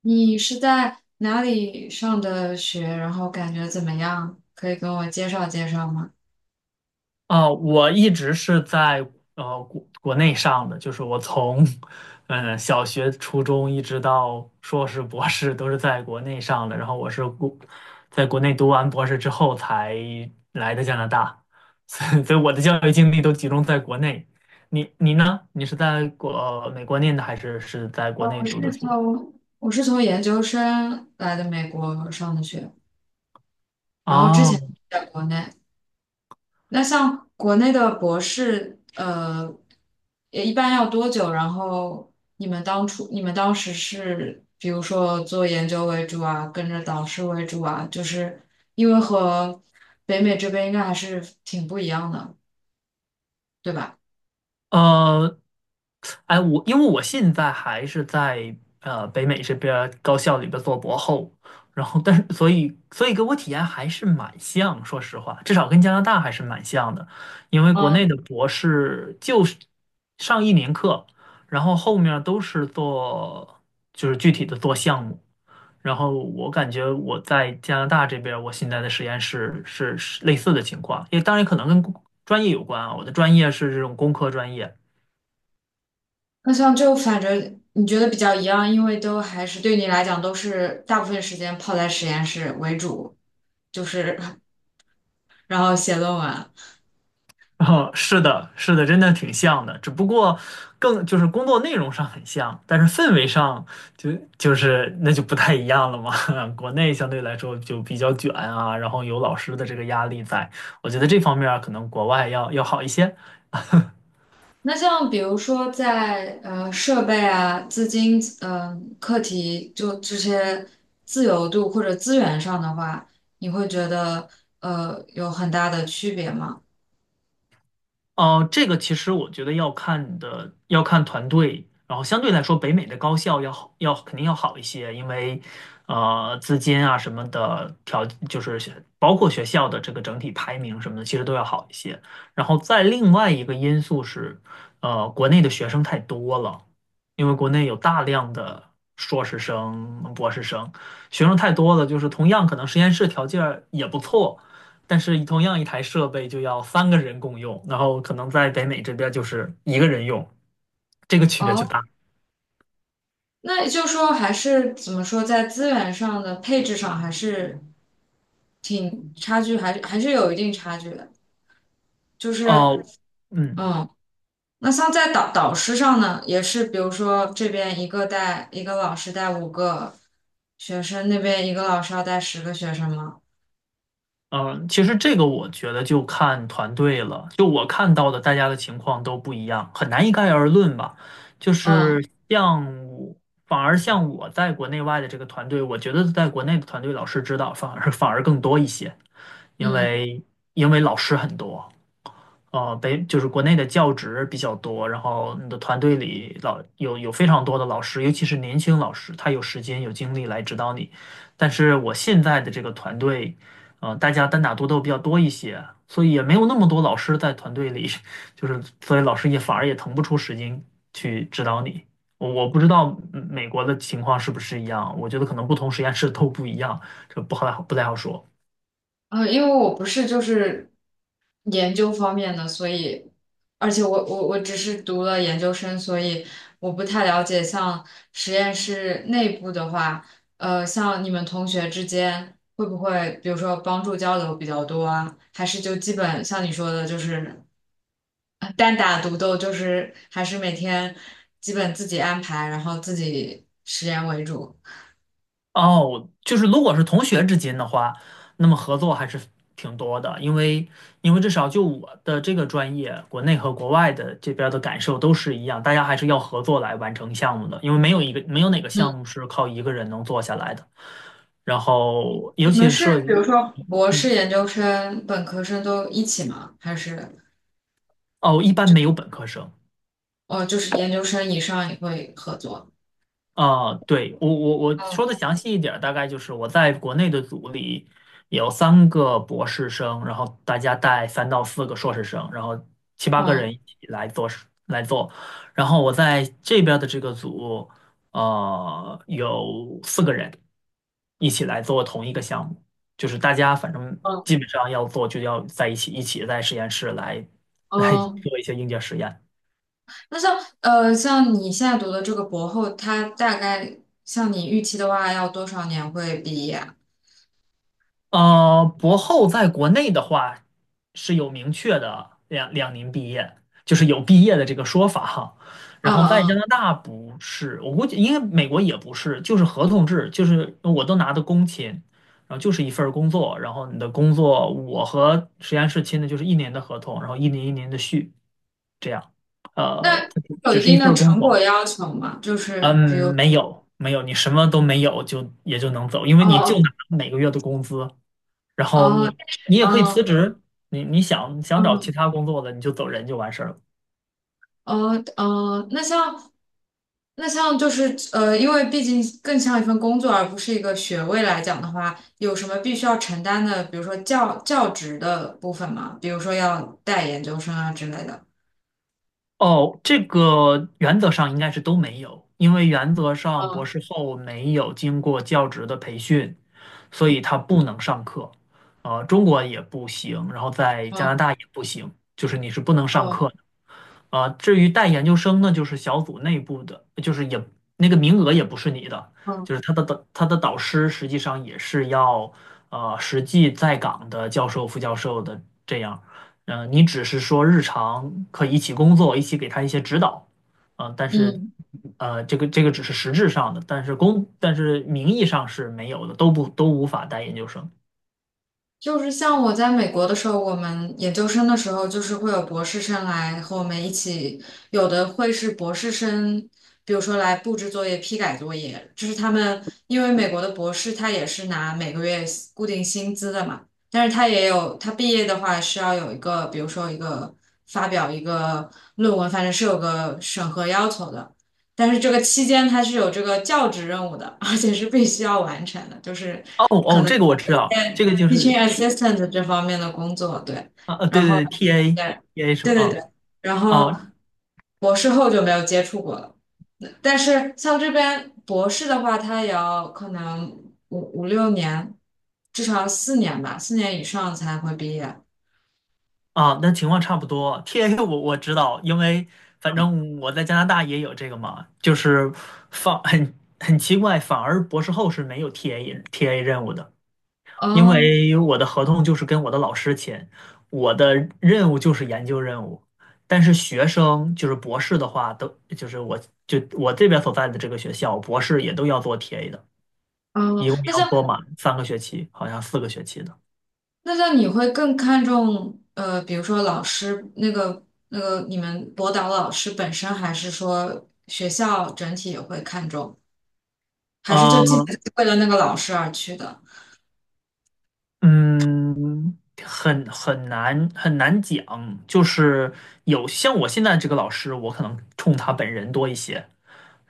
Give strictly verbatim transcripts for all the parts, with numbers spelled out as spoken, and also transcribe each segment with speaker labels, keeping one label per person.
Speaker 1: 你是在哪里上的学？然后感觉怎么样？可以跟我介绍介绍吗？
Speaker 2: 啊，我一直是在呃国国内上的，就是我从嗯小学、初中一直到硕士、博士都是在国内上的。然后我是国在国内读完博士之后才来的加拿大，所以所以我的教育经历都集中在国内。你你呢？你是在国，美国念的还是是在
Speaker 1: 哦，
Speaker 2: 国内
Speaker 1: 我
Speaker 2: 读的
Speaker 1: 是
Speaker 2: 书？
Speaker 1: 从我是从研究生来的美国上的学，然后之前
Speaker 2: 哦，
Speaker 1: 在国内。那像国内的博士，呃，也一般要多久？然后你们当初你们当时是比如说做研究为主啊，跟着导师为主啊，就是因为和北美这边应该还是挺不一样的，对吧？
Speaker 2: 呃，哎，我因为我现在还是在呃北美这边儿高校里边做博后，然后但是所以所以给我体验还是蛮像，说实话，至少跟加拿大还是蛮像的，因为国内
Speaker 1: 嗯。
Speaker 2: 的博士就是上一年课，然后后面儿都是做就是具体的做项目，然后我感觉我在加拿大这边儿我现在的实验室是是类似的情况，也当然可能跟专业有关啊，我的专业是这种工科专业。
Speaker 1: 那像就反正你觉得比较一样，因为都还是对你来讲都是大部分时间泡在实验室为主，就是 然后写论文。
Speaker 2: 哦，是的，是的，真的挺像的，只不过更就是工作内容上很像，但是氛围上就就是那就不太一样了嘛。国内相对来说就比较卷啊，然后有老师的这个压力在，我觉得这方面儿可能国外要要好一些。
Speaker 1: 那像比如说在呃设备啊、资金、嗯、课题就这些自由度或者资源上的话，你会觉得呃有很大的区别吗？
Speaker 2: 哦，呃这个其实我觉得要看你的，要看团队，然后相对来说，北美的高校要好，要肯定要好一些，因为呃，资金啊什么的条，就是学包括学校的这个整体排名什么的，其实都要好一些。然后再另外一个因素是，呃，国内的学生太多了，因为国内有大量的硕士生、博士生，学生太多了，就是同样可能实验室条件儿也不错。但是同样一台设备就要三个人共用，然后可能在北美这边就是一个人用，这个区别就
Speaker 1: 哦，
Speaker 2: 大。
Speaker 1: 那也就是说还是怎么说，在资源上的配置上还是挺差距，还是还是有一定差距的。就是
Speaker 2: 哦，嗯
Speaker 1: 嗯，那像在导导师上呢，也是比如说这边一个带一个老师带五个学生，那边一个老师要带十个学生吗？
Speaker 2: 嗯，呃其实这个我觉得就看团队了，就我看到的大家的情况都不一样，很难一概而论吧。就
Speaker 1: 嗯
Speaker 2: 是像我，反而像我在国内外的这个团队，我觉得在国内的团队老师指导反而反而更多一些，因
Speaker 1: 嗯。
Speaker 2: 为因为老师很多。呃北就是国内的教职比较多，然后你的团队里老有有非常多的老师，尤其是年轻老师，他有时间有精力来指导你。但是我现在的这个团队，呃，大家单打独斗比较多一些，所以也没有那么多老师在团队里，就是所以老师也反而也腾不出时间去指导你。我我不知道嗯美国的情况是不是一样，我觉得可能不同实验室都不一样，这不好不太好说。
Speaker 1: 呃，因为我不是就是研究方面的，所以而且我我我只是读了研究生，所以我不太了解像实验室内部的话，呃，像你们同学之间会不会比如说帮助交流比较多啊？还是就基本像你说的，就是。单打独斗就是还是每天基本自己安排，然后自己实验为主。
Speaker 2: 哦，就是如果是同学之间的话，那么合作还是挺多的，因为因为至少就我的这个专业，国内和国外的这边儿的感受都是一样，大家还是要合作来完成项目的，因为没有一个没有哪个项
Speaker 1: 嗯，
Speaker 2: 目是靠一个人能做下来的。然后，尤
Speaker 1: 你们
Speaker 2: 其是
Speaker 1: 是
Speaker 2: 设
Speaker 1: 比
Speaker 2: 计，
Speaker 1: 如说，博士研究生、本科生都一起吗？还是
Speaker 2: 哦，一般没有本科生，
Speaker 1: 哦，就是研究生以上也会合作？
Speaker 2: 啊，对，我我我说
Speaker 1: 嗯
Speaker 2: 的详细一点儿大概就是我在国内的组里有三个博士生，然后大家带三到四个硕士生，然后七八个人
Speaker 1: 嗯
Speaker 2: 一起来做事来做。然后我在这边儿的这个组，呃，有四个人一起来做同一个项目，就是大家反正
Speaker 1: 嗯，
Speaker 2: 基本上要做就要在一起，一起在实验室来来
Speaker 1: 嗯。
Speaker 2: 做一些硬件实验。
Speaker 1: 那像呃，像你现在读的这个博后，他大概像你预期的话，要多少年会毕业啊？
Speaker 2: 呃，博后在国内的话是有明确的两两年毕业，就是有毕业的这个说法哈。然后在
Speaker 1: 嗯
Speaker 2: 加拿
Speaker 1: 嗯，
Speaker 2: 大不是，我估计应该美国也不是，就是合同制，就是我都拿的工签，然后就是一份儿工作，然后你的工作我和实验室签的就是一年的合同，然后一年一年的续，这样，呃，
Speaker 1: 那
Speaker 2: 它
Speaker 1: 有
Speaker 2: 只
Speaker 1: 一
Speaker 2: 是一
Speaker 1: 定的
Speaker 2: 份儿工
Speaker 1: 成果
Speaker 2: 作，
Speaker 1: 要求吗？就是
Speaker 2: 嗯，
Speaker 1: 比如，
Speaker 2: 没有没有，你什么都没有就也就能走，因为
Speaker 1: 哦
Speaker 2: 你就
Speaker 1: 哦
Speaker 2: 拿每个月的工资。然后
Speaker 1: 哦，
Speaker 2: 你
Speaker 1: 但是，
Speaker 2: 你也可以辞
Speaker 1: 嗯
Speaker 2: 职，你你想想找其
Speaker 1: 嗯，
Speaker 2: 他工作的，你就走人就完事儿了。
Speaker 1: 哦哦，那像那像就是呃，因为毕竟更像一份工作，而不是一个学位来讲的话，有什么必须要承担的，比如说教教职的部分吗？比如说要带研究生啊之类的。
Speaker 2: 哦，这个原则上应该是都没有，因为原则上博
Speaker 1: 嗯
Speaker 2: 士后没有经过教职的培训，所以他不能上课。呃，中国也不行，然后在加拿
Speaker 1: 嗯
Speaker 2: 大也不行，就是你是不能上
Speaker 1: 嗯
Speaker 2: 课。啊，至于带研究生呢，就是小组内部的，就是也那个名额也不是你的，就
Speaker 1: 嗯
Speaker 2: 是他的导他的导师实际上也是要呃实际在岗的教授、副教授的这样，嗯，你只是说日常可以一起工作，一起给他一些指导，啊，但是
Speaker 1: 嗯。
Speaker 2: 呃这个这个只是实质上的，但是公但是名义上是没有的，都不都无法带研究生。
Speaker 1: 就是像我在美国的时候，我们研究生的时候，就是会有博士生来和我们一起，有的会是博士生，比如说来布置作业、批改作业，就是他们因为美国的博士他也是拿每个月固定薪资的嘛，但是他也有他毕业的话是要有一个，比如说一个发表一个论文，反正是有个审核要求的，但是这个期间他是有这个教职任务的，而且是必须要完成的，就是。
Speaker 2: 哦哦，这个我知道，这个就是
Speaker 1: teaching
Speaker 2: T
Speaker 1: assistant 这方面的工作，对，
Speaker 2: 啊，呃对
Speaker 1: 然后
Speaker 2: 对对， T A，
Speaker 1: 对，
Speaker 2: T A 什
Speaker 1: 对
Speaker 2: 么
Speaker 1: 对
Speaker 2: 啊？
Speaker 1: 对，然后
Speaker 2: 哦，
Speaker 1: 博士后就没有接触过了。但是像这边博士的话，他也要可能五五六年，至少要四年吧，四年以上才会毕业。
Speaker 2: 啊，那情况差不多。t a 我我知道，因为反正我在加拿大也有这个嘛，就是放很很奇怪，反而博士后是没有 T A T A 任务的，因
Speaker 1: 哦
Speaker 2: 为我的合同就是跟我的老师签，我的任务就是研究任务，但是学生就是博士的话，都就是我就我这边所在的这个学校，博士也都要做 T A 的，
Speaker 1: 哦，
Speaker 2: 一共
Speaker 1: 那
Speaker 2: 要
Speaker 1: 像
Speaker 2: 做满三个学期，好像四个学期的。
Speaker 1: 那像你会更看重呃，比如说老师那个那个你们博导老师本身，还是说学校整体也会看重？还是就基本
Speaker 2: 嗯，
Speaker 1: 就是为了那个老师而去的？
Speaker 2: 嗯，很很难很难讲，就是有像我现在这个老师，我可能冲他本人多一些，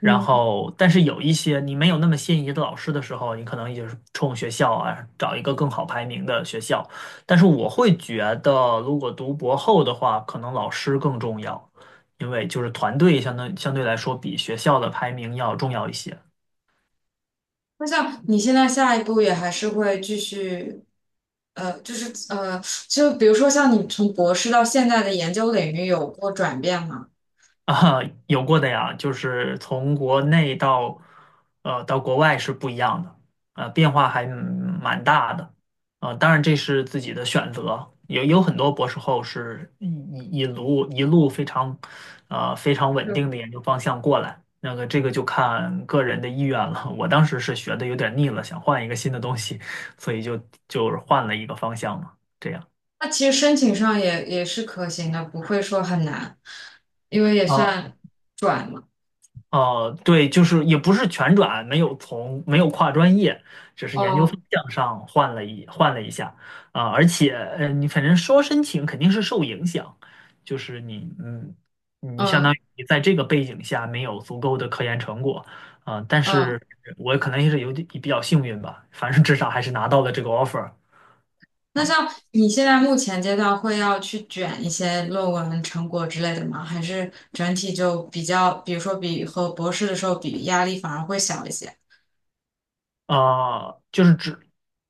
Speaker 2: 然后但是有一些你没有那么心仪的老师的时候，你可能也就是冲学校啊，找一个更好排名的学校。但是我会觉得，如果读博后的话，可能老师更重要，因为就是团队相当相对来说比学校的排名要重要一些。
Speaker 1: 那像你现在下一步也还是会继续，呃，就是呃，就比如说像你从博士到现在的研究领域有过转变吗？
Speaker 2: 啊，有过的呀，就是从国内到呃到国外是不一样的，呃，变化还蛮大的，啊，当然这是自己的选择，有有很多博士后是一一一路一路非常呃非常稳定的
Speaker 1: 就
Speaker 2: 研究方向过来，那个这个就看个人的意愿了。我当时是学的有点腻了，想换一个新的东西，所以就就是换了一个方向嘛，这样
Speaker 1: 那其实申请上也也是可行的，不会说很难，因为也
Speaker 2: 啊，
Speaker 1: 算转嘛。
Speaker 2: 呃，对，就是也不是全转，没有从没有跨专业，只是研究方
Speaker 1: 哦，
Speaker 2: 向上换了一换了一下啊，而且呃，你反正说申请肯定是受影响，就是你嗯，你相当
Speaker 1: 嗯
Speaker 2: 于你在这个背景下没有足够的科研成果啊，但是
Speaker 1: 嗯，
Speaker 2: 我可能也是有点比较幸运吧，反正至少还是拿到了这个 offer。
Speaker 1: 那
Speaker 2: 啊，
Speaker 1: 像你现在目前阶段会要去卷一些论文成果之类的吗？还是整体就比较，比如说比和博士的时候比，压力反而会小一些？
Speaker 2: 啊，就是指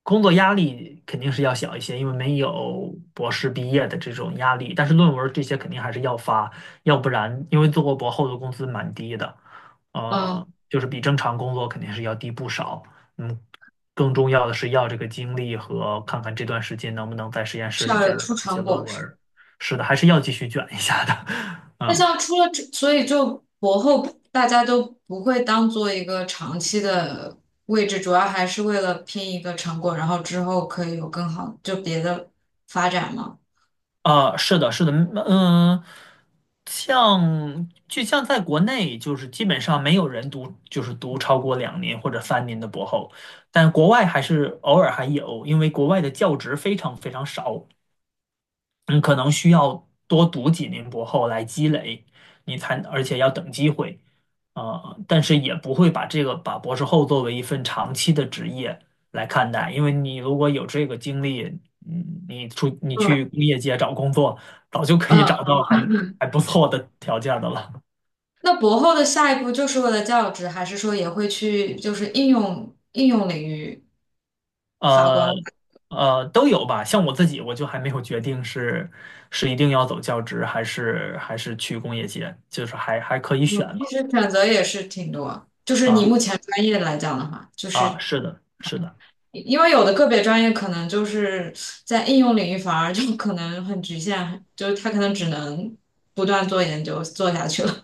Speaker 2: 工作压力肯定是要小一些，因为没有博士毕业的这种压力，但是论文这些肯定还是要发，要不然因为做过博后的工资蛮低的，
Speaker 1: 嗯，
Speaker 2: 呃，就是比正常工作肯定是要低不少。嗯，更重要的是要这个精力和看看这段时间能不能在实验室
Speaker 1: 是
Speaker 2: 里
Speaker 1: 要
Speaker 2: 接
Speaker 1: 有
Speaker 2: 着
Speaker 1: 出
Speaker 2: 写
Speaker 1: 成
Speaker 2: 论
Speaker 1: 果
Speaker 2: 文
Speaker 1: 是吧？
Speaker 2: 儿，是的，还是要继续卷一下的，
Speaker 1: 那
Speaker 2: 嗯。
Speaker 1: 像出了这，所以就博后大家都不会当做一个长期的位置，主要还是为了拼一个成果，然后之后可以有更好就别的发展吗？
Speaker 2: 啊，是的，是的，嗯，呃像就像在国内，就是基本上没有人读，就是读超过两年或者三年的博后，但国外还是偶尔还有，因为国外的教职非常非常少，你可能需要多读几年博后来积累，你才，而且要等机会，呃，但是也不会把这个把博士后作为一份长期的职业来看待，因为你如果有这个经历，嗯，你出你
Speaker 1: 嗯，
Speaker 2: 去工业界找工作，早就可以找
Speaker 1: 嗯，
Speaker 2: 到还还不错的条件的了，
Speaker 1: 那博后的下一步就是为了教职，还是说也会去就是应用应用领域发
Speaker 2: 呃。
Speaker 1: 光？
Speaker 2: 呃，都有吧。像我自己，我就还没有决定是是一定要走教职，还是还是去工业界，就是还还可以选
Speaker 1: 嗯，其
Speaker 2: 吧。
Speaker 1: 实选择也是挺多。就是你
Speaker 2: 啊。
Speaker 1: 目前专业来讲的话，就
Speaker 2: 啊，
Speaker 1: 是
Speaker 2: 是的，是的，
Speaker 1: 因为有的个别专业可能就是在应用领域反而就可能很局限，就是他可能只能不断做研究做下去了。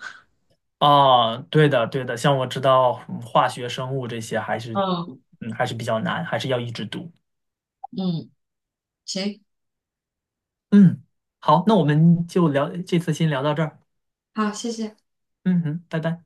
Speaker 2: 啊，对的，对的，像我知道嗯化学、生物这些还是，
Speaker 1: 嗯
Speaker 2: 嗯，还是比较难，还是要一直读。
Speaker 1: 嗯，行，
Speaker 2: 嗯，好，那我们就聊，这次先聊到这儿。
Speaker 1: 好，谢谢。
Speaker 2: 嗯哼，拜拜。